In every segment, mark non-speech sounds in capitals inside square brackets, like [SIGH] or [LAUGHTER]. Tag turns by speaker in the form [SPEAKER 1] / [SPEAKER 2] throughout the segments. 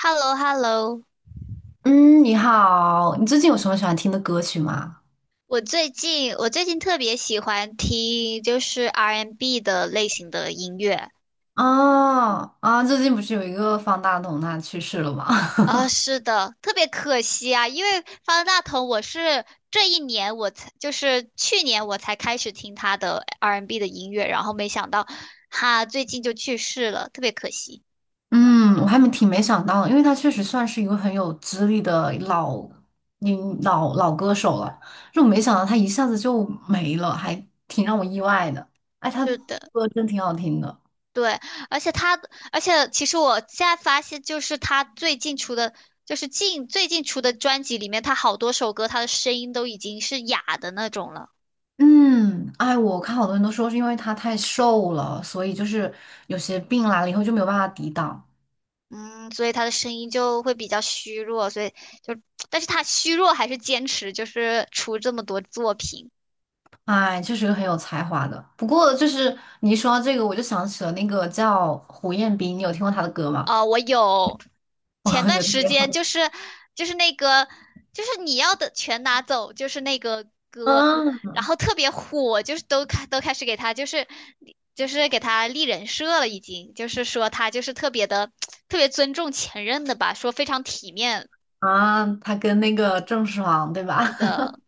[SPEAKER 1] hello hello
[SPEAKER 2] 嗯，你好，你最近有什么喜欢听的歌曲吗？
[SPEAKER 1] 我最近特别喜欢听就是 R&B n 的类型的音乐
[SPEAKER 2] 哦，啊，最近不是有一个方大同他去世了吗？
[SPEAKER 1] 啊，是的，特别可惜啊，因为方大同我是这一年我才就是去年我才开始听他的 R&B n 的音乐，然后没想到他最近就去世了，特别可惜。
[SPEAKER 2] [LAUGHS] 嗯，我还没挺没想到的，因为他确实算是一个很有资历的老，嗯，老歌手了，就没想到他一下子就没了，还挺让我意外的。哎，他
[SPEAKER 1] 是的。
[SPEAKER 2] 歌真挺好听的。
[SPEAKER 1] 对，而且他，而且其实我现在发现，就是他最近出的，就是近最近出的专辑里面，他好多首歌，他的声音都已经是哑的那种了。
[SPEAKER 2] 嗯，哎，我看好多人都说是因为他太瘦了，所以就是有些病来了以后就没有办法抵挡。
[SPEAKER 1] 嗯，所以他的声音就会比较虚弱，所以就，但是他虚弱还是坚持，就是出这么多作品。
[SPEAKER 2] 哎，确是个很有才华的。不过，就是你一说到这个，我就想起了那个叫胡彦斌，你有听过他的歌吗？
[SPEAKER 1] 我有
[SPEAKER 2] [LAUGHS] 我
[SPEAKER 1] 前段
[SPEAKER 2] 觉得特
[SPEAKER 1] 时
[SPEAKER 2] 别好。
[SPEAKER 1] 间就是那个就是你要的全拿走，就是那个歌，
[SPEAKER 2] 嗯，
[SPEAKER 1] 然后特别火，就是都开始给他就是就是给他立人设了，已经就是说他就是特别的 [TSK] 特别尊重前任的吧，说非常体面
[SPEAKER 2] 啊，他跟那个郑爽，对吧？[LAUGHS]
[SPEAKER 1] 的，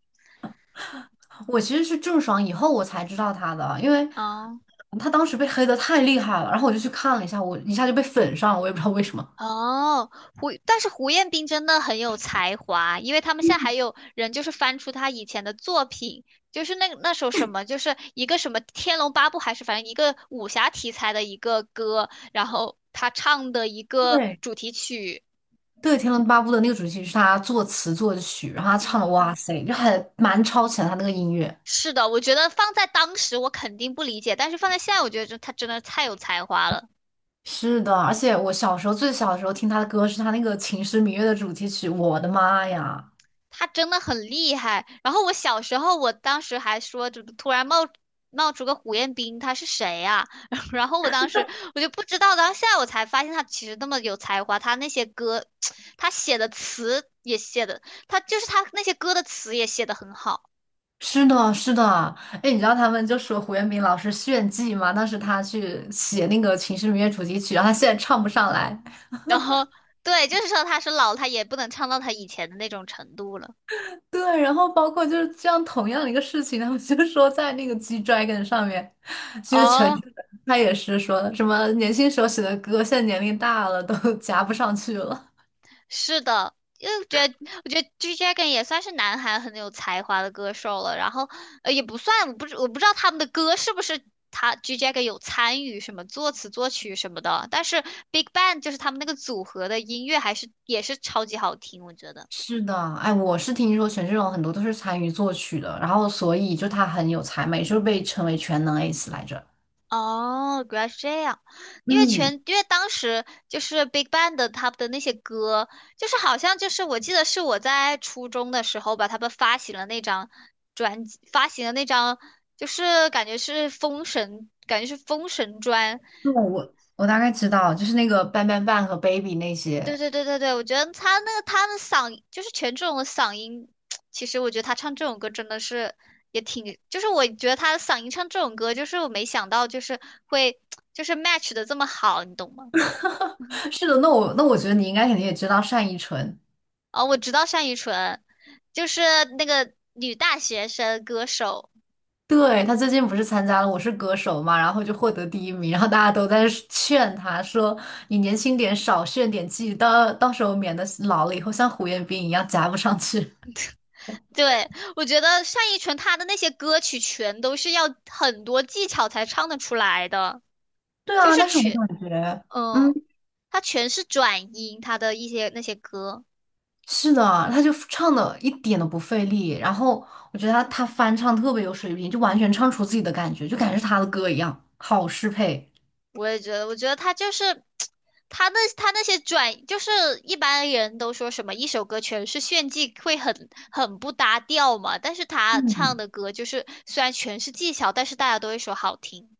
[SPEAKER 2] 我其实是郑爽以后我才知道他的，因为
[SPEAKER 1] 嗯。
[SPEAKER 2] 他当时被黑的太厉害了，然后我就去看了一下，我一下就被粉上了，我也不知道为什么。
[SPEAKER 1] 哦，但是胡彦斌真的很有才华，因为他们现在还有人就是翻出他以前的作品，就是那首什么，就是一个什么《天龙八部》还是反正一个武侠题材的一个歌，然后他唱的一个
[SPEAKER 2] 对，
[SPEAKER 1] 主题曲，
[SPEAKER 2] 对，《天龙八部》的那个主题曲是他作词作曲，然后他唱的，
[SPEAKER 1] 嗯，
[SPEAKER 2] 哇塞，就还蛮超前他那个音乐。
[SPEAKER 1] 是的，我觉得放在当时我肯定不理解，但是放在现在，我觉得这他真的太有才华了。
[SPEAKER 2] 是的，而且我小时候最小的时候听他的歌是他那个《秦时明月》的主题曲，我的妈呀！
[SPEAKER 1] 他真的很厉害。然后我小时候，我当时还说，就突然冒出个胡彦斌，他是谁呀、啊 [LAUGHS] 然后我当时我就不知道，然后现在我才发现他其实那么有才华，他那些歌，[TSK] 他写的词也写的，他就是他那些歌的词也写的很好。
[SPEAKER 2] 是的，是的，哎，你知道他们就说胡彦斌老师炫技嘛？当时他去写那个《秦时明月》主题曲，然后他现在唱不上来。
[SPEAKER 1] 然后对，就是说他是老了他也不能唱到他以前的那种程度了。
[SPEAKER 2] 对，然后包括就是这样同样的一个事情，他们就说在那个 G Dragon 上面，其实全
[SPEAKER 1] 哦，
[SPEAKER 2] 他也是说什么年轻时候写的歌，现在年龄大了都 [LAUGHS] 夹不上去了。
[SPEAKER 1] 是的，因为我觉得 G Dragon 也算是南韩很有才华的歌手了，然后也不算，我不知道他们的歌是不是他 G Dragon 有参与什么作词作曲什么的，但是 Big Bang 就是他们那个组合的音乐还是也是超级好听，我觉得。
[SPEAKER 2] 是的，哎，我是听说权志龙很多都是参与作曲的，然后所以就他很有才嘛，也就被称为全能 ace 来着。
[SPEAKER 1] 哦，原来是这样，
[SPEAKER 2] 嗯，
[SPEAKER 1] 因为当时就是 Big Bang 的他们的那些歌，就是好像就是我记得是我在初中的时候吧，他们发行了那张就是感觉是封神专。
[SPEAKER 2] 对，我大概知道，就是那个 Bang Bang Bang 和 Baby 那
[SPEAKER 1] 对
[SPEAKER 2] 些。
[SPEAKER 1] 对对对对，我觉得他那个他的嗓就是权志龙的嗓音，[TSK] 其实我觉得他唱这种歌真的是就是我觉得他的嗓音唱这种歌，就是我没想到就是会 [TSK] 就是 match 的这么好，你懂吗？
[SPEAKER 2] [LAUGHS] 是的，那我觉得你应该肯定也知道单依纯，
[SPEAKER 1] 哦，我知道单依纯，就是那个女大学生歌手。
[SPEAKER 2] 对，他最近不是参加了《我是歌手》嘛，然后就获得第一名，然后大家都在劝他说："你年轻点，少炫点技，到时候免得老了以后像胡彦斌一样夹不上去。"
[SPEAKER 1] 对，我觉得单依纯她的那些歌曲全都是要很多技巧才唱得出来的，
[SPEAKER 2] 对
[SPEAKER 1] 就
[SPEAKER 2] 啊，
[SPEAKER 1] 是
[SPEAKER 2] 但是我
[SPEAKER 1] 全，
[SPEAKER 2] 感觉。
[SPEAKER 1] 嗯，
[SPEAKER 2] 嗯。
[SPEAKER 1] 她全是转音，她的一些那些歌，
[SPEAKER 2] 是的，他就唱的一点都不费力，然后我觉得他翻唱特别有水平，就完全唱出自己的感觉，就感觉是他的歌一样，好适配。
[SPEAKER 1] 我也觉得，我觉得她就是 [TSK] 她那些转，就是一般人都说什么一首歌全是炫技会很不搭调嘛，但是她
[SPEAKER 2] 嗯，
[SPEAKER 1] 唱的歌就是虽然全是技巧，但是大家都会说好听。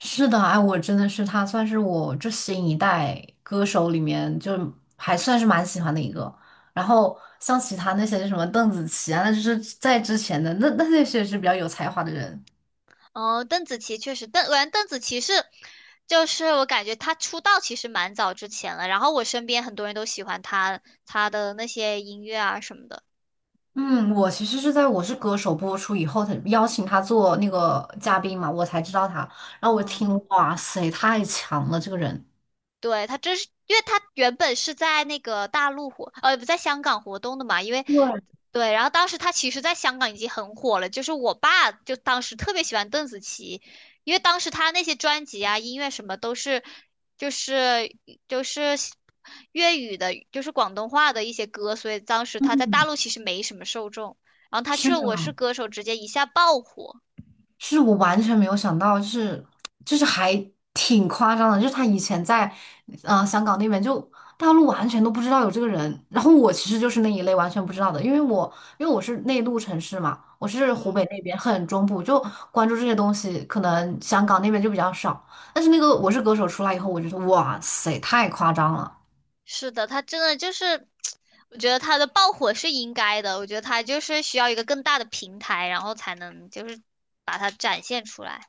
[SPEAKER 2] 是的，哎，我真的是他算是我这新一代歌手里面就还算是蛮喜欢的一个。然后像其他那些什么邓紫棋啊，那就是在之前的那那些是比较有才华的人。
[SPEAKER 1] 哦，邓紫棋确实，邓，我感觉邓紫棋是，就是我感觉她出道其实蛮早之前了，然后我身边很多人都喜欢她，她的那些音乐啊什么的。
[SPEAKER 2] 嗯，我其实是在《我是歌手》播出以后，他邀请他做那个嘉宾嘛，我才知道他。然后我听，
[SPEAKER 1] 嗯。
[SPEAKER 2] 哇塞，太强了，这个人。
[SPEAKER 1] 对，他这是，因为他原本是在那个大陆活，不在香港活动的嘛，因为
[SPEAKER 2] 对，
[SPEAKER 1] 对，然后当时他其实在香港已经很火了，就是我爸就当时特别喜欢邓紫棋，因为当时他那些专辑啊、音乐什么都是，就是就是粤语的，就是广东话的一些歌，所以当时他在大陆其实没什么受众，然后他去
[SPEAKER 2] 是
[SPEAKER 1] 了《我
[SPEAKER 2] 的，
[SPEAKER 1] 是歌手》，直接一下爆火，
[SPEAKER 2] 是我完全没有想到，就是就是还挺夸张的，就是他以前在香港那边就大陆完全都不知道有这个人，然后我其实就是那一类完全不知道的，因为我是内陆城市嘛，我是湖
[SPEAKER 1] 嗯。
[SPEAKER 2] 北那边很中部，就关注这些东西，可能香港那边就比较少，但是那个《我是歌手》出来以后，我觉得哇塞，太夸张了。
[SPEAKER 1] 是的，他真的就是，[TSK] 我觉得他的爆火是应该的，我觉得他就是需要一个更大的平台，然后才能就是把它展现出来。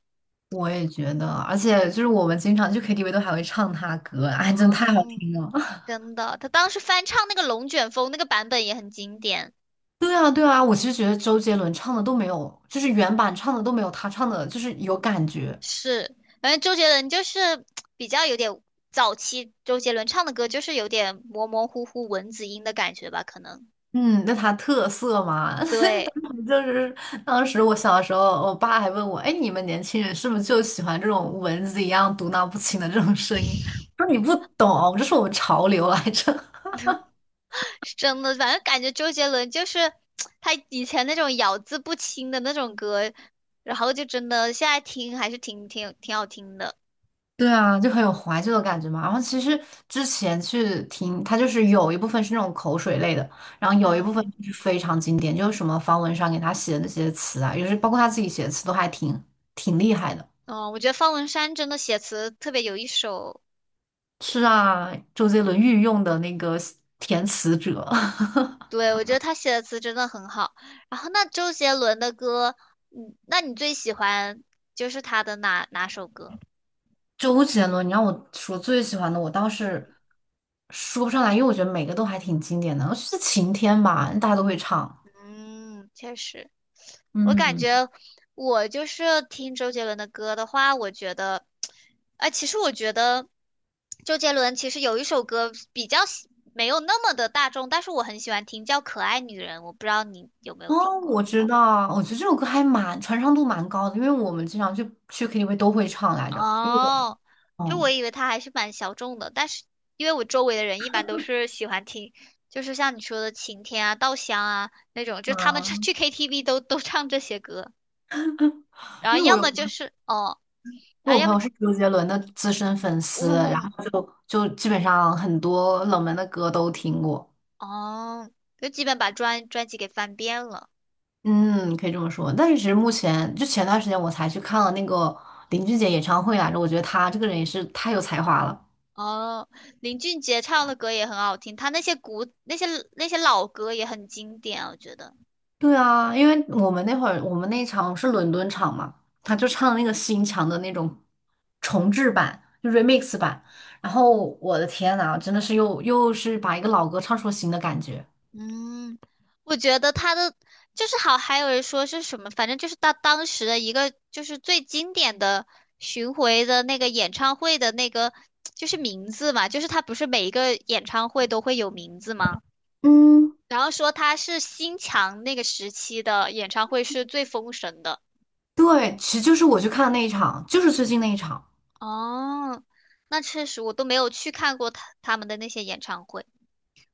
[SPEAKER 2] 我也觉得，而且就是我们经常去 KTV 都还会唱他歌，哎，[LAUGHS] 真的太好
[SPEAKER 1] 嗯，
[SPEAKER 2] 听了。
[SPEAKER 1] 真的，他当时翻唱那个《龙卷风》那个版本也很经典。
[SPEAKER 2] 对啊，对啊，我其实觉得周杰伦唱的都没有，就是原版唱的都没有他唱的，就是有感觉。
[SPEAKER 1] 是，反正周杰伦就是 [TSK] 比较有点早期周杰伦唱的歌，就是有点模模糊糊蚊子音的感觉吧，可能。
[SPEAKER 2] 嗯，那他特色嘛，
[SPEAKER 1] 对。
[SPEAKER 2] [LAUGHS] 就是当时我小时候，我爸还问我，哎，你们年轻人是不是就喜欢这种蚊子一样嘟囔不清的这种声音？我说你不懂，这是我们潮流来着。
[SPEAKER 1] 是真的，反正感觉周杰伦就是 [TSK] 他以前那种咬字不清的那种歌，然后就真的现在听还是挺好听的。
[SPEAKER 2] 对啊，就很有怀旧的感觉嘛。然后其实之前去听，它就是有一部分是那种口水类的，然后有一部分
[SPEAKER 1] 嗯
[SPEAKER 2] 就是非常经典，就是什么方文山给他写的那些词啊，有时包括他自己写的词都还挺挺厉害的。
[SPEAKER 1] 哦，我觉得方文山真的写词特别有一手，
[SPEAKER 2] 是啊，周杰伦御用的那个填词者，
[SPEAKER 1] 对，我觉得他写的词真的很好。然后那周杰伦的歌，嗯，那你最喜欢就是他的哪首歌？
[SPEAKER 2] [LAUGHS] 周杰伦，你让我说最喜欢的，我倒
[SPEAKER 1] 嗯
[SPEAKER 2] 是说不上来，因为我觉得每个都还挺经典的。是晴天吧，大家都会唱。
[SPEAKER 1] 嗯，确实，我感
[SPEAKER 2] 嗯。
[SPEAKER 1] 觉我就是听周杰伦的歌的话，我觉得，哎，其实我觉得周杰伦其实有一首歌比较喜没有那么的大众，但是我很喜欢听，叫《可爱女人》，我不知道你有没有听
[SPEAKER 2] 哦，
[SPEAKER 1] 过。
[SPEAKER 2] 我知道，我觉得这首歌还蛮传唱度蛮高的，因为我们经常去 KTV 都会唱来着。因为
[SPEAKER 1] 哦，
[SPEAKER 2] 我，
[SPEAKER 1] 就我
[SPEAKER 2] 嗯
[SPEAKER 1] 以为他还是蛮小众的，但是因为我周围的人一般都是喜欢听，就是像你说的晴天啊、稻香啊那种，就他们唱
[SPEAKER 2] 嗯，
[SPEAKER 1] 去 KTV 都唱这些歌，然后
[SPEAKER 2] 因为我
[SPEAKER 1] 要
[SPEAKER 2] 有，
[SPEAKER 1] 么就
[SPEAKER 2] 因
[SPEAKER 1] 是哦，
[SPEAKER 2] 为
[SPEAKER 1] 然
[SPEAKER 2] 我
[SPEAKER 1] 后要
[SPEAKER 2] 朋
[SPEAKER 1] 么
[SPEAKER 2] 友是周杰伦的资深粉丝，然
[SPEAKER 1] 哦
[SPEAKER 2] 后就基本上很多冷门的歌都听过。
[SPEAKER 1] 哦，就基本把专辑给翻遍了。
[SPEAKER 2] 嗯，可以这么说。但是其实目前就前段时间我才去看了那个林俊杰演唱会来着，我觉得他这个人也是太有才华了。
[SPEAKER 1] 哦，林俊杰唱的歌也很好听，他那些那些老歌也很经典，我觉得。
[SPEAKER 2] 对啊，因为我们那一场是伦敦场嘛，他就唱那个新墙的那种重制版，就 remix 版。然后我的天呐，真的是又是把一个老歌唱出了新的感觉。
[SPEAKER 1] 嗯，我觉得他的就是好，还有人说是什么，反正就是他当时的一个就是最经典的巡回的那个演唱会的那个就是名字嘛，就是他不是每一个演唱会都会有名字吗？
[SPEAKER 2] 嗯，
[SPEAKER 1] 然后说他是新强那个时期的演唱会是最封神的。
[SPEAKER 2] 对，其实就是我去看的那一场，就是最近那一场
[SPEAKER 1] 哦，那确实我都没有去看过他们的那些演唱会。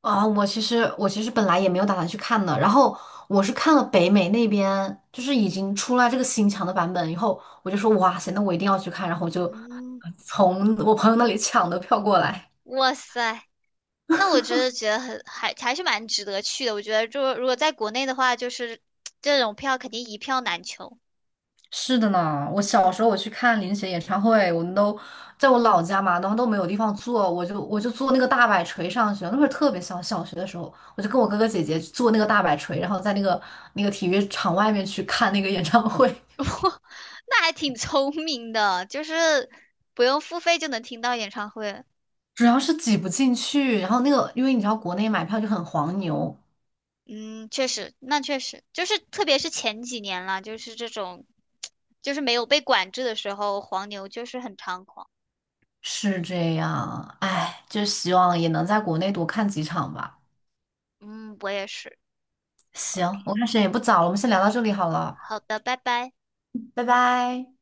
[SPEAKER 2] 啊。我其实本来也没有打算去看的，然后我是看了北美那边，就是已经出来这个新墙的版本以后，我就说哇塞，那我一定要去看，然后我就
[SPEAKER 1] 嗯，
[SPEAKER 2] 从我朋友那里抢的票过来。
[SPEAKER 1] 哇塞，那我真的觉得还是蛮值得去的。我觉得就如果在国内的话，就是这种票肯定一票难求。
[SPEAKER 2] 是的呢，我小时候我去看林雪演唱会，我们都在我老家嘛，然后都没有地方坐，我就坐那个大摆锤上学。那会儿特别小，小学的时候，我就跟我哥哥姐姐坐那个大摆锤，然后在那个体育场外面去看那个演唱会，
[SPEAKER 1] [LAUGHS] 那还挺聪明的，就是不用付费就能听到演唱会。
[SPEAKER 2] [LAUGHS] 主要是挤不进去。然后那个，因为你知道国内买票就很黄牛，
[SPEAKER 1] 嗯，确实，那确实就是特别是前几年啦，就是这种就是没有被管制的时候，黄牛就是很猖狂。
[SPEAKER 2] 是这样。哎，就希望也能在国内多看几场吧。
[SPEAKER 1] 嗯，我也是。OK。
[SPEAKER 2] 行，我看时间也不早了，我们先聊到这里好了，
[SPEAKER 1] 好的，拜拜。
[SPEAKER 2] 拜拜。